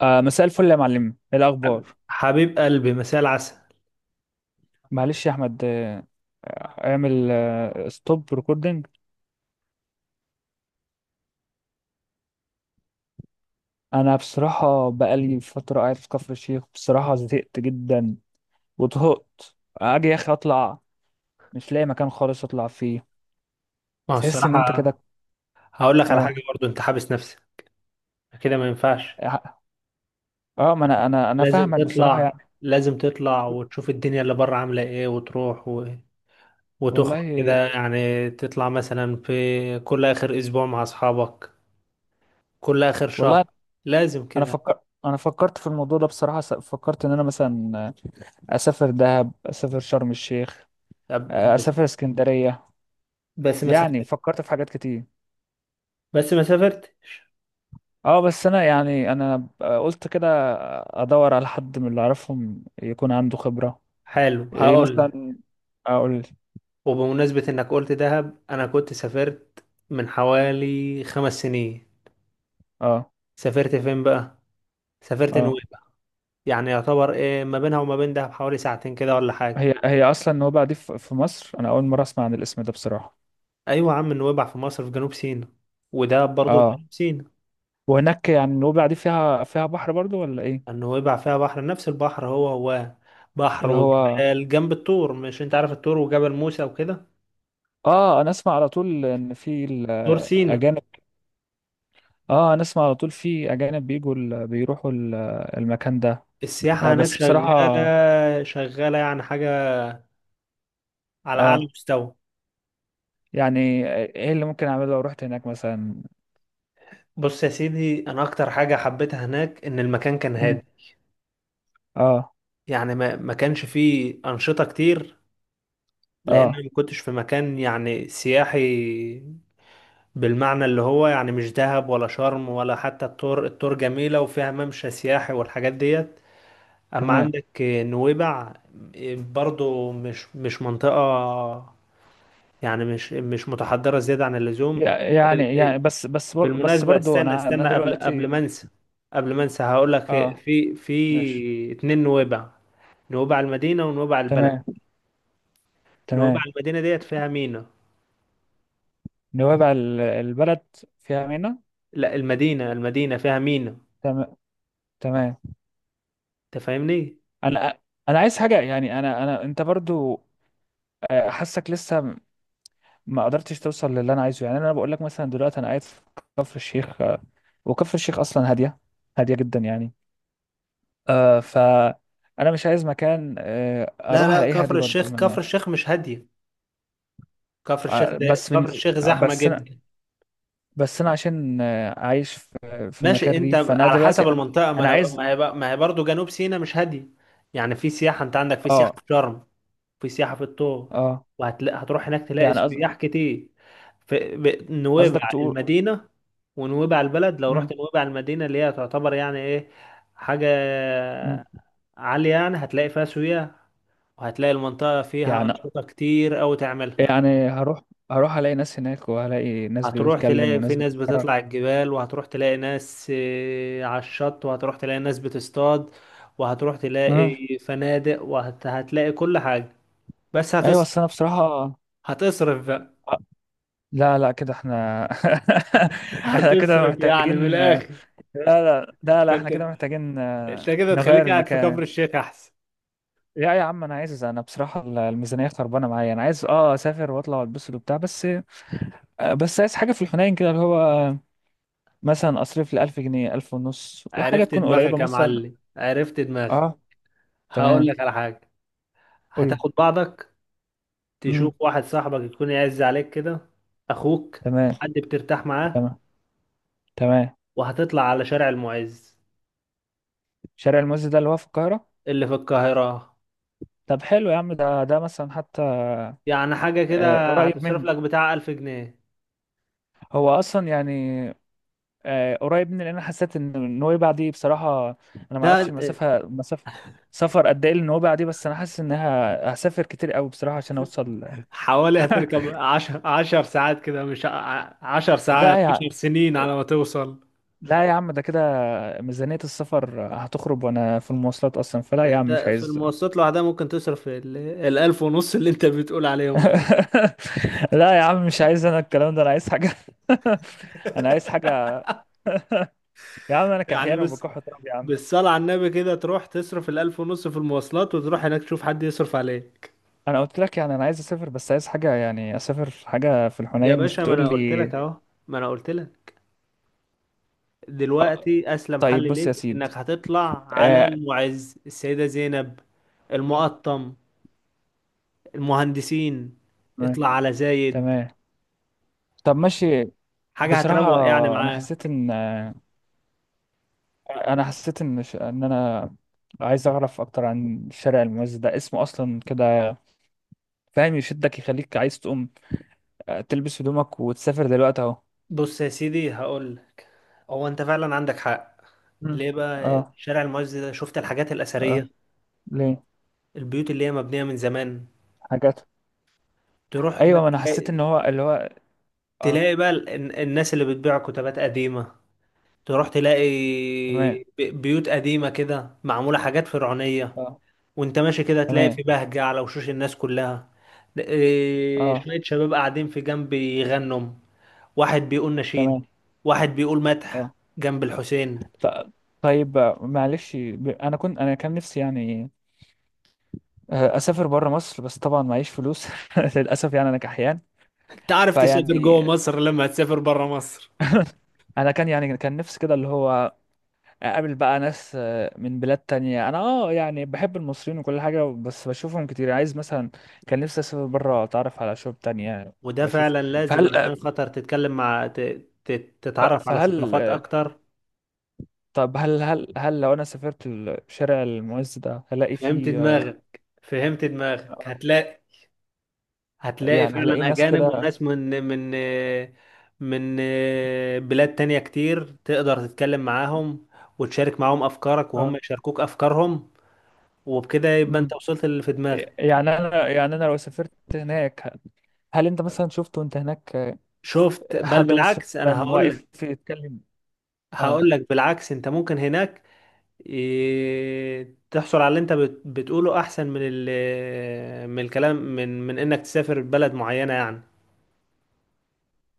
مساء الفل يا معلم، ايه الاخبار؟ حبيب قلبي، مساء العسل. معلش يا احمد، اعمل ستوب ريكوردنج. انا بصراحه بقالي فتره قاعد في كفر الشيخ، بصراحه زهقت جدا وطهقت. اجي يا اخي اطلع، مش لاقي مكان خالص اطلع فيه. ما هو تحس ان انت الصراحة، كده. هقول لك على حاجة. اه. برضو انت حابس نفسك كده، ما ينفعش. اه، ما انا لازم فاهمك بصراحه تطلع، يعني. لازم تطلع وتشوف الدنيا اللي بره عاملة ايه وتروح و... وتخرج والله. كده. يعني تطلع مثلا في كل آخر أسبوع مع أصحابك، كل آخر شهر. والله. لازم كده. انا فكرت في الموضوع ده بصراحه، فكرت ان انا مثلا اسافر دهب، اسافر شرم الشيخ، طب بس، اسافر اسكندريه. بس ما يعني سافرت، فكرت في حاجات كتير. بس ما سافرتش. اه بس انا يعني انا قلت كده ادور على حد من اللي اعرفهم يكون عنده خبرة. حلو، ايه هقول لك. مثلا؟ اقول. وبمناسبة انك قلت دهب، انا كنت سافرت من حوالي 5 سنين. اه. سافرت فين بقى؟ سافرت اه. نويبع. يعني يعتبر ايه ما بينها وما بين دهب حوالي ساعتين كده ولا حاجة. هي اصلا النوبة دي في مصر، انا اول مرة اسمع عن الاسم ده بصراحة. ايوه يا عم، نويبع في مصر، في جنوب سيناء. وده برضه في اه. جنوب سيناء. وهناك يعني النوبة دي فيها بحر برضو ولا ايه؟ النويبع فيها بحر، نفس البحر هو هو. بحر اللي هو وجبال جنب الطور. مش انت عارف الطور وجبل موسى وكده؟ اه، انا اسمع على طول ان في طور سيناء. الاجانب. اه انا اسمع على طول في اجانب بيروحوا المكان ده. السياحة هناك بس بصراحة. شغالة شغالة، يعني حاجة على أعلى اه. مستوى. يعني ايه اللي ممكن اعمله لو رحت هناك مثلا؟ بص يا سيدي، أنا أكتر حاجة حبيتها هناك إن المكان كان مم. هادي. اه. يعني ما كانش فيه أنشطة كتير، لأن أنا اه. ما كنتش في مكان يعني سياحي بالمعنى اللي هو. يعني مش دهب ولا شرم ولا حتى الطور. الطور جميلة وفيها ممشى سياحي والحاجات ديت. أما تمام. عندك نويبع، برضو مش منطقة، يعني مش متحضرة زيادة عن اللزوم. يعني بس بالمناسبة برضو استنى انا استنى، قبل قبل دلوقتي. ما انسى، قبل ما انسى هقول لك. اه. في ماشي. في اتنين نويبع: نويبع المدينة ونويبع البلد. تمام. نويبع تمام. المدينة ديت فيها مينا. نوابع البلد فيها مينا؟ لا، المدينة، المدينة فيها مينا. تمام. تمام. تفهمني؟ انا انا عايز حاجه، يعني انا انت برضو، حاسك لسه ما قدرتش توصل للي انا عايزه. يعني انا بقول لك مثلا دلوقتي انا قاعد في كفر الشيخ، وكفر الشيخ اصلا هاديه، هاديه جدا يعني. آه ف انا مش عايز مكان لا اروح لا، الاقيه هادي كفر برضو. الشيخ ما كفر أنا- الشيخ مش هادية. كفر الشيخ ده، بس كفر بالنسبة، الشيخ زحمة بس، جدا. بس انا عشان عايش في مكان ماشي، انت ريف، فانا على دلوقتي حسب انا المنطقة. ما أنا انا عايز. ما هي بقى- ما هي برضه جنوب سيناء مش هادية. يعني في سياحة، انت عندك في سياحة اه. في شرم، في سياحة في الطور. اه. وهتلاقي، هتروح هناك تلاقي يعني قصد- سياح كتير في ب- نويبع قصدك تقول. المدينة ونويبع البلد. لو مم. رحت نويبع المدينة اللي هي تعتبر يعني ايه حاجة مم. عالية، يعني هتلاقي فيها سياح، وهتلاقي المنطقة فيها يعني، أنشطة كتير أوي تعملها. يعني هروح، هروح الاقي ناس هناك وهلاقي ناس هتروح بتتكلم تلاقي في وناس ناس بتتحرك. بتطلع الجبال، وهتروح تلاقي ناس على الشط، وهتروح تلاقي ناس بتصطاد، وهتروح مم. تلاقي فنادق وهتلاقي كل حاجة. بس ايوه هتصرف. بس انا بصراحة. هتصرف بقى. لا، لا، كده احنا احنا كده هتصرف يعني من محتاجين، لا، الآخر. لا، لا، لا احنا فانت، كده محتاجين انت كده نغير تخليك قاعد في كفر المكان. الشيخ أحسن. لا يا عم، انا بصراحة الميزانية خربانة معايا. انا عايز اسافر واطلع والبس وبتاع، بس بس عايز حاجة في الحنين كده اللي هو مثلا أصرف لي 1000 جنيه، 1500، وحاجة عرفت تكون قريبة دماغك يا مثلا. معلم، عرفت دماغك. أه. هقول تمام. لك على حاجة، قولي. هتاخد بعضك. امم. تشوف واحد صاحبك يكون يعز عليك كده، أخوك، تمام. حد بترتاح معاه، تمام. تمام. وهتطلع على شارع المعز شارع المعز ده اللي هو في القاهرة؟ اللي في القاهرة. طب حلو يا عم، ده مثلا حتى يعني حاجة كده، قريب هتصرف مني. لك بتاع 1000 جنيه. هو أصلا يعني قريب مني، لأن أنا حسيت إن نويبع دي بصراحة أنا معرفش لا، المسافة، مسافة سفر قد إيه لنويبع دي، بس أنا حاسس إنها هسافر كتير أوي بصراحة عشان أوصل. حوالي هتركب عشر ساعات كده. مش ع- عشر لا ساعات يا 10 سنين على ما توصل. لا يا عم ده كده ميزانية السفر هتخرب وانا في المواصلات اصلا، فلا يا عم مش انت في عايز. المواصلات لوحدها ممكن تصرف ال- الألف ونص اللي انت بتقول عليهم ده، لا يا عم مش عايز انا الكلام ده، انا عايز حاجة. انا عايز حاجة يا عم، انا يعني كحيان بس. وبكح تراب يا عم. بالصلاة على النبي كده تروح تصرف الألف ونص في المواصلات، وتروح هناك تشوف حد يصرف عليك. انا قلت لك يعني انا عايز اسافر، بس عايز حاجة يعني اسافر في حاجة في يا الحنين، مش باشا، ما تقول أنا قلت لي لك أهو، ما أنا قلت لك. آه، دلوقتي اسلم طيب حل بص يا ليك سيد. انك هتطلع على آه، المعز، السيدة زينب، المقطم، المهندسين. تمام. اطلع على زايد. تمام. طب ماشي. حاجة بصراحة هتروق يعني انا معاه. حسيت ان آه، انا حسيت ان انا عايز اعرف اكتر عن الشارع المميز ده، اسمه اصلا كده فاهم يشدك يخليك عايز تقوم تلبس هدومك وتسافر دلوقتي اهو. بص يا سيدي، هقول لك. هو انت فعلا عندك حق. مم. ليه بقى اه. شارع المعز ده؟ شفت الحاجات اه. الأثرية، ليه؟ البيوت اللي هي مبنية من زمان. حاجات. تروح بقى ايوه ما انا حسيت تلاقي، ان هو اللي هو. اه. تلاقي بقى ال- الناس اللي بتبيع كتابات قديمة. تروح تلاقي تمام. بي- بيوت قديمة كده معمولة حاجات فرعونية. اه. وانت ماشي كده تلاقي في تمام. بهجة على وشوش الناس كلها. اه. شوية شباب قاعدين في جنب يغنوا، واحد بيقول نشيد، تمام. واحد بيقول مدح اه. جنب الحسين. ط... طيب، معلش، انا كان نفسي يعني اسافر بره مصر، بس طبعا معيش فلوس. للاسف يعني انا كحيان، انت عارف تسافر فيعني. جوه مصر لما هتسافر بره مصر. انا كان يعني كان نفسي كده اللي هو اقابل بقى ناس من بلاد تانية. انا يعني بحب المصريين وكل حاجة بس بشوفهم كتير، يعني عايز مثلا كان نفسي اسافر بره اتعرف على شعوب تانية وده واشوف. فعلا لازم، فهل عشان خاطر تتكلم مع ت... ت... تتعرف على فهل ثقافات اكتر. طب هل لو انا سافرت الشارع المعز ده هلاقي فهمت فيه دماغك، فهمت دماغك. اه هتلاقي، هتلاقي يعني هلاقي فعلا ناس أجانب كده؟ وناس من بلاد تانية كتير تقدر تتكلم معاهم وتشارك معاهم أفكارك وهم اه. يشاركوك أفكارهم. وبكده يبقى أنت امم. وصلت اللي في دماغك. يعني انا لو سافرت هناك، هل انت مثلا شفت وانت هناك شفت؟ بل حد مصري بالعكس، أنا مثلا هقول واقف لك. يتكلم؟ اه. هقول لك بالعكس، أنت ممكن هناك تحصل على اللي أنت بت- بتقوله أحسن من ال- من الكلام، من إنك تسافر بلد معينة يعني.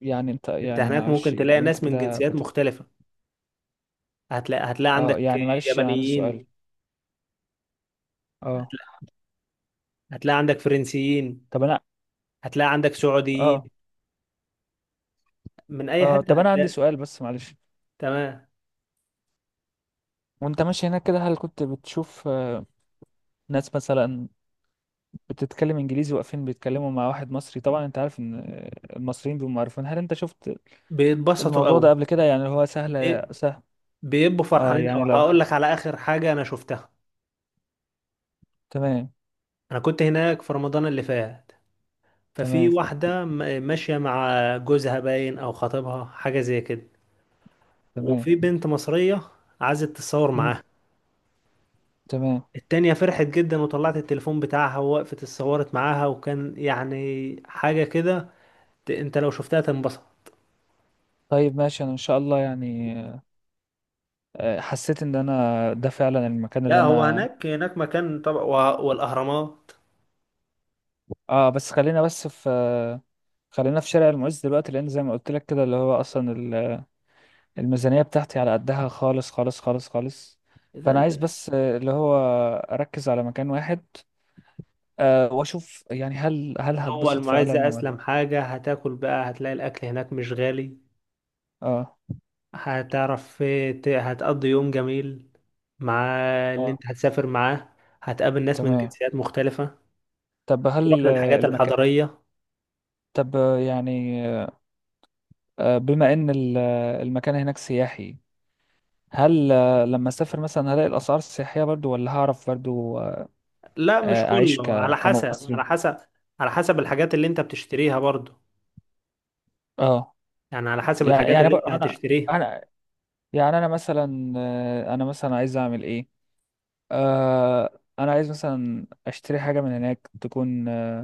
يعني انت أنت يعني هناك ممكن معلش تلاقي وانت ناس من كده. جنسيات مختلفة. هتلاقي اه. عندك يعني معلش، انا عندي سؤال. يابانيين، اه هتلاقي عندك فرنسيين، طب انا هتلاقي عندك سعوديين. اه. من اي اه حته طب انا عندي هتلاقي. سؤال بس معلش. تمام. وانت ماشي هناك كده هل كنت بتشوف ناس مثلا بتتكلم انجليزي واقفين بيتكلموا مع واحد مصري؟ طبعا انت عارف ان المصريين بيبقوا معروفين. هل انت شفت بيتبسطوا الموضوع ده قوي. قبل كده؟ يعني هو سهل بي- سهل. بيبقوا اه فرحانين يعني قوي. لو. هقول لك على اخر حاجه انا شفتها. تمام. انا كنت هناك في رمضان اللي فات. ففي تمام. واحده م- ماشيه مع جوزها باين او خطيبها حاجه زي كده، تمام. وفي بنت مصريه عايزه تتصور مم. معاها. تمام. التانية فرحت جدا وطلعت التليفون بتاعها ووقفت اتصورت معاها، وكان يعني حاجة كده. ت- انت لو شفتها تنبسط. طيب ماشي، انا ان شاء الله يعني حسيت ان انا ده فعلا المكان لا، اللي هو انا. هناك، هناك مكان طبعا، وه- والاهرامات. اه بس خلينا بس في، خلينا في شارع المعز دلوقتي، لان زي ما قلت لك كده اللي هو اصلا الميزانيه بتاعتي على قدها خالص خالص خالص خالص، اذا فانا انت، عايز بس اللي هو اركز على مكان واحد واشوف يعني، هل هو هتبسط المعزة فعلا ولا. اسلم حاجة. هتاكل بقى، هتلاقي الاكل هناك مش غالي. اه. هتعرف، ت- هتقضي يوم جميل مع اللي اه. انت هتسافر معاه. هتقابل ناس من تمام. جنسيات مختلفة. طب هتروح هل للحاجات المكان، الحضارية. طب يعني بما ان المكان هناك سياحي، هل لما اسافر مثلا هلاقي الاسعار السياحيه برضو، ولا هعرف برضو لا، مش اعيش كله، على حسب. كمصري؟ على حسب الحاجات اللي انت بتشتريها برضو. اه. يعني على حسب يعني الحاجات يعني اللي انت انا، هتشتريها. انا يعني انا مثلا انا مثلا عايز اعمل ايه. انا عايز مثلا اشتري حاجه من هناك تكون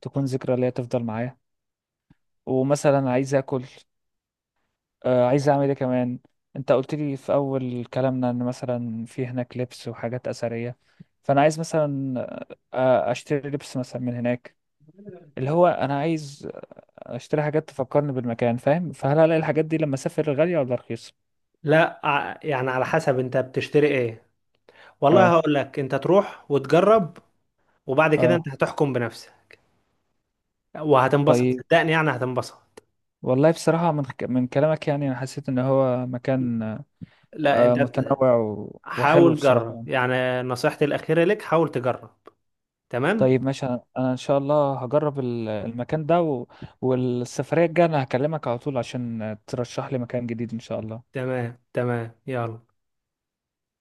تكون ذكرى ليا تفضل معايا. ومثلا عايز اكل، عايز اعمل ايه كمان. انت قلت لي في اول كلامنا ان مثلا في هناك لبس وحاجات اثريه، فانا عايز مثلا اشتري لبس مثلا من هناك، اللي هو انا عايز اشتري حاجات تفكرني بالمكان، فاهم؟ فهل هلاقي الحاجات دي لما اسافر غاليه ولا رخيصه؟ لا ع- يعني على حسب انت بتشتري ايه. والله اه. هقول لك، انت تروح وتجرب، وبعد كده اه. انت هتحكم بنفسك. وهتنبسط طيب، صدقني، يعني هتنبسط. والله بصراحة من كلامك يعني أنا حسيت إن هو مكان لا انت، متنوع وحلو حاول بصراحة جرب، يعني. يعني نصيحتي الأخيرة لك حاول تجرب. تمام. طيب ماشي، أنا إن شاء الله هجرب المكان ده والسفرية الجاية أنا هكلمك على طول عشان ترشح لي مكان جديد إن شاء الله. تمام تمام يلا.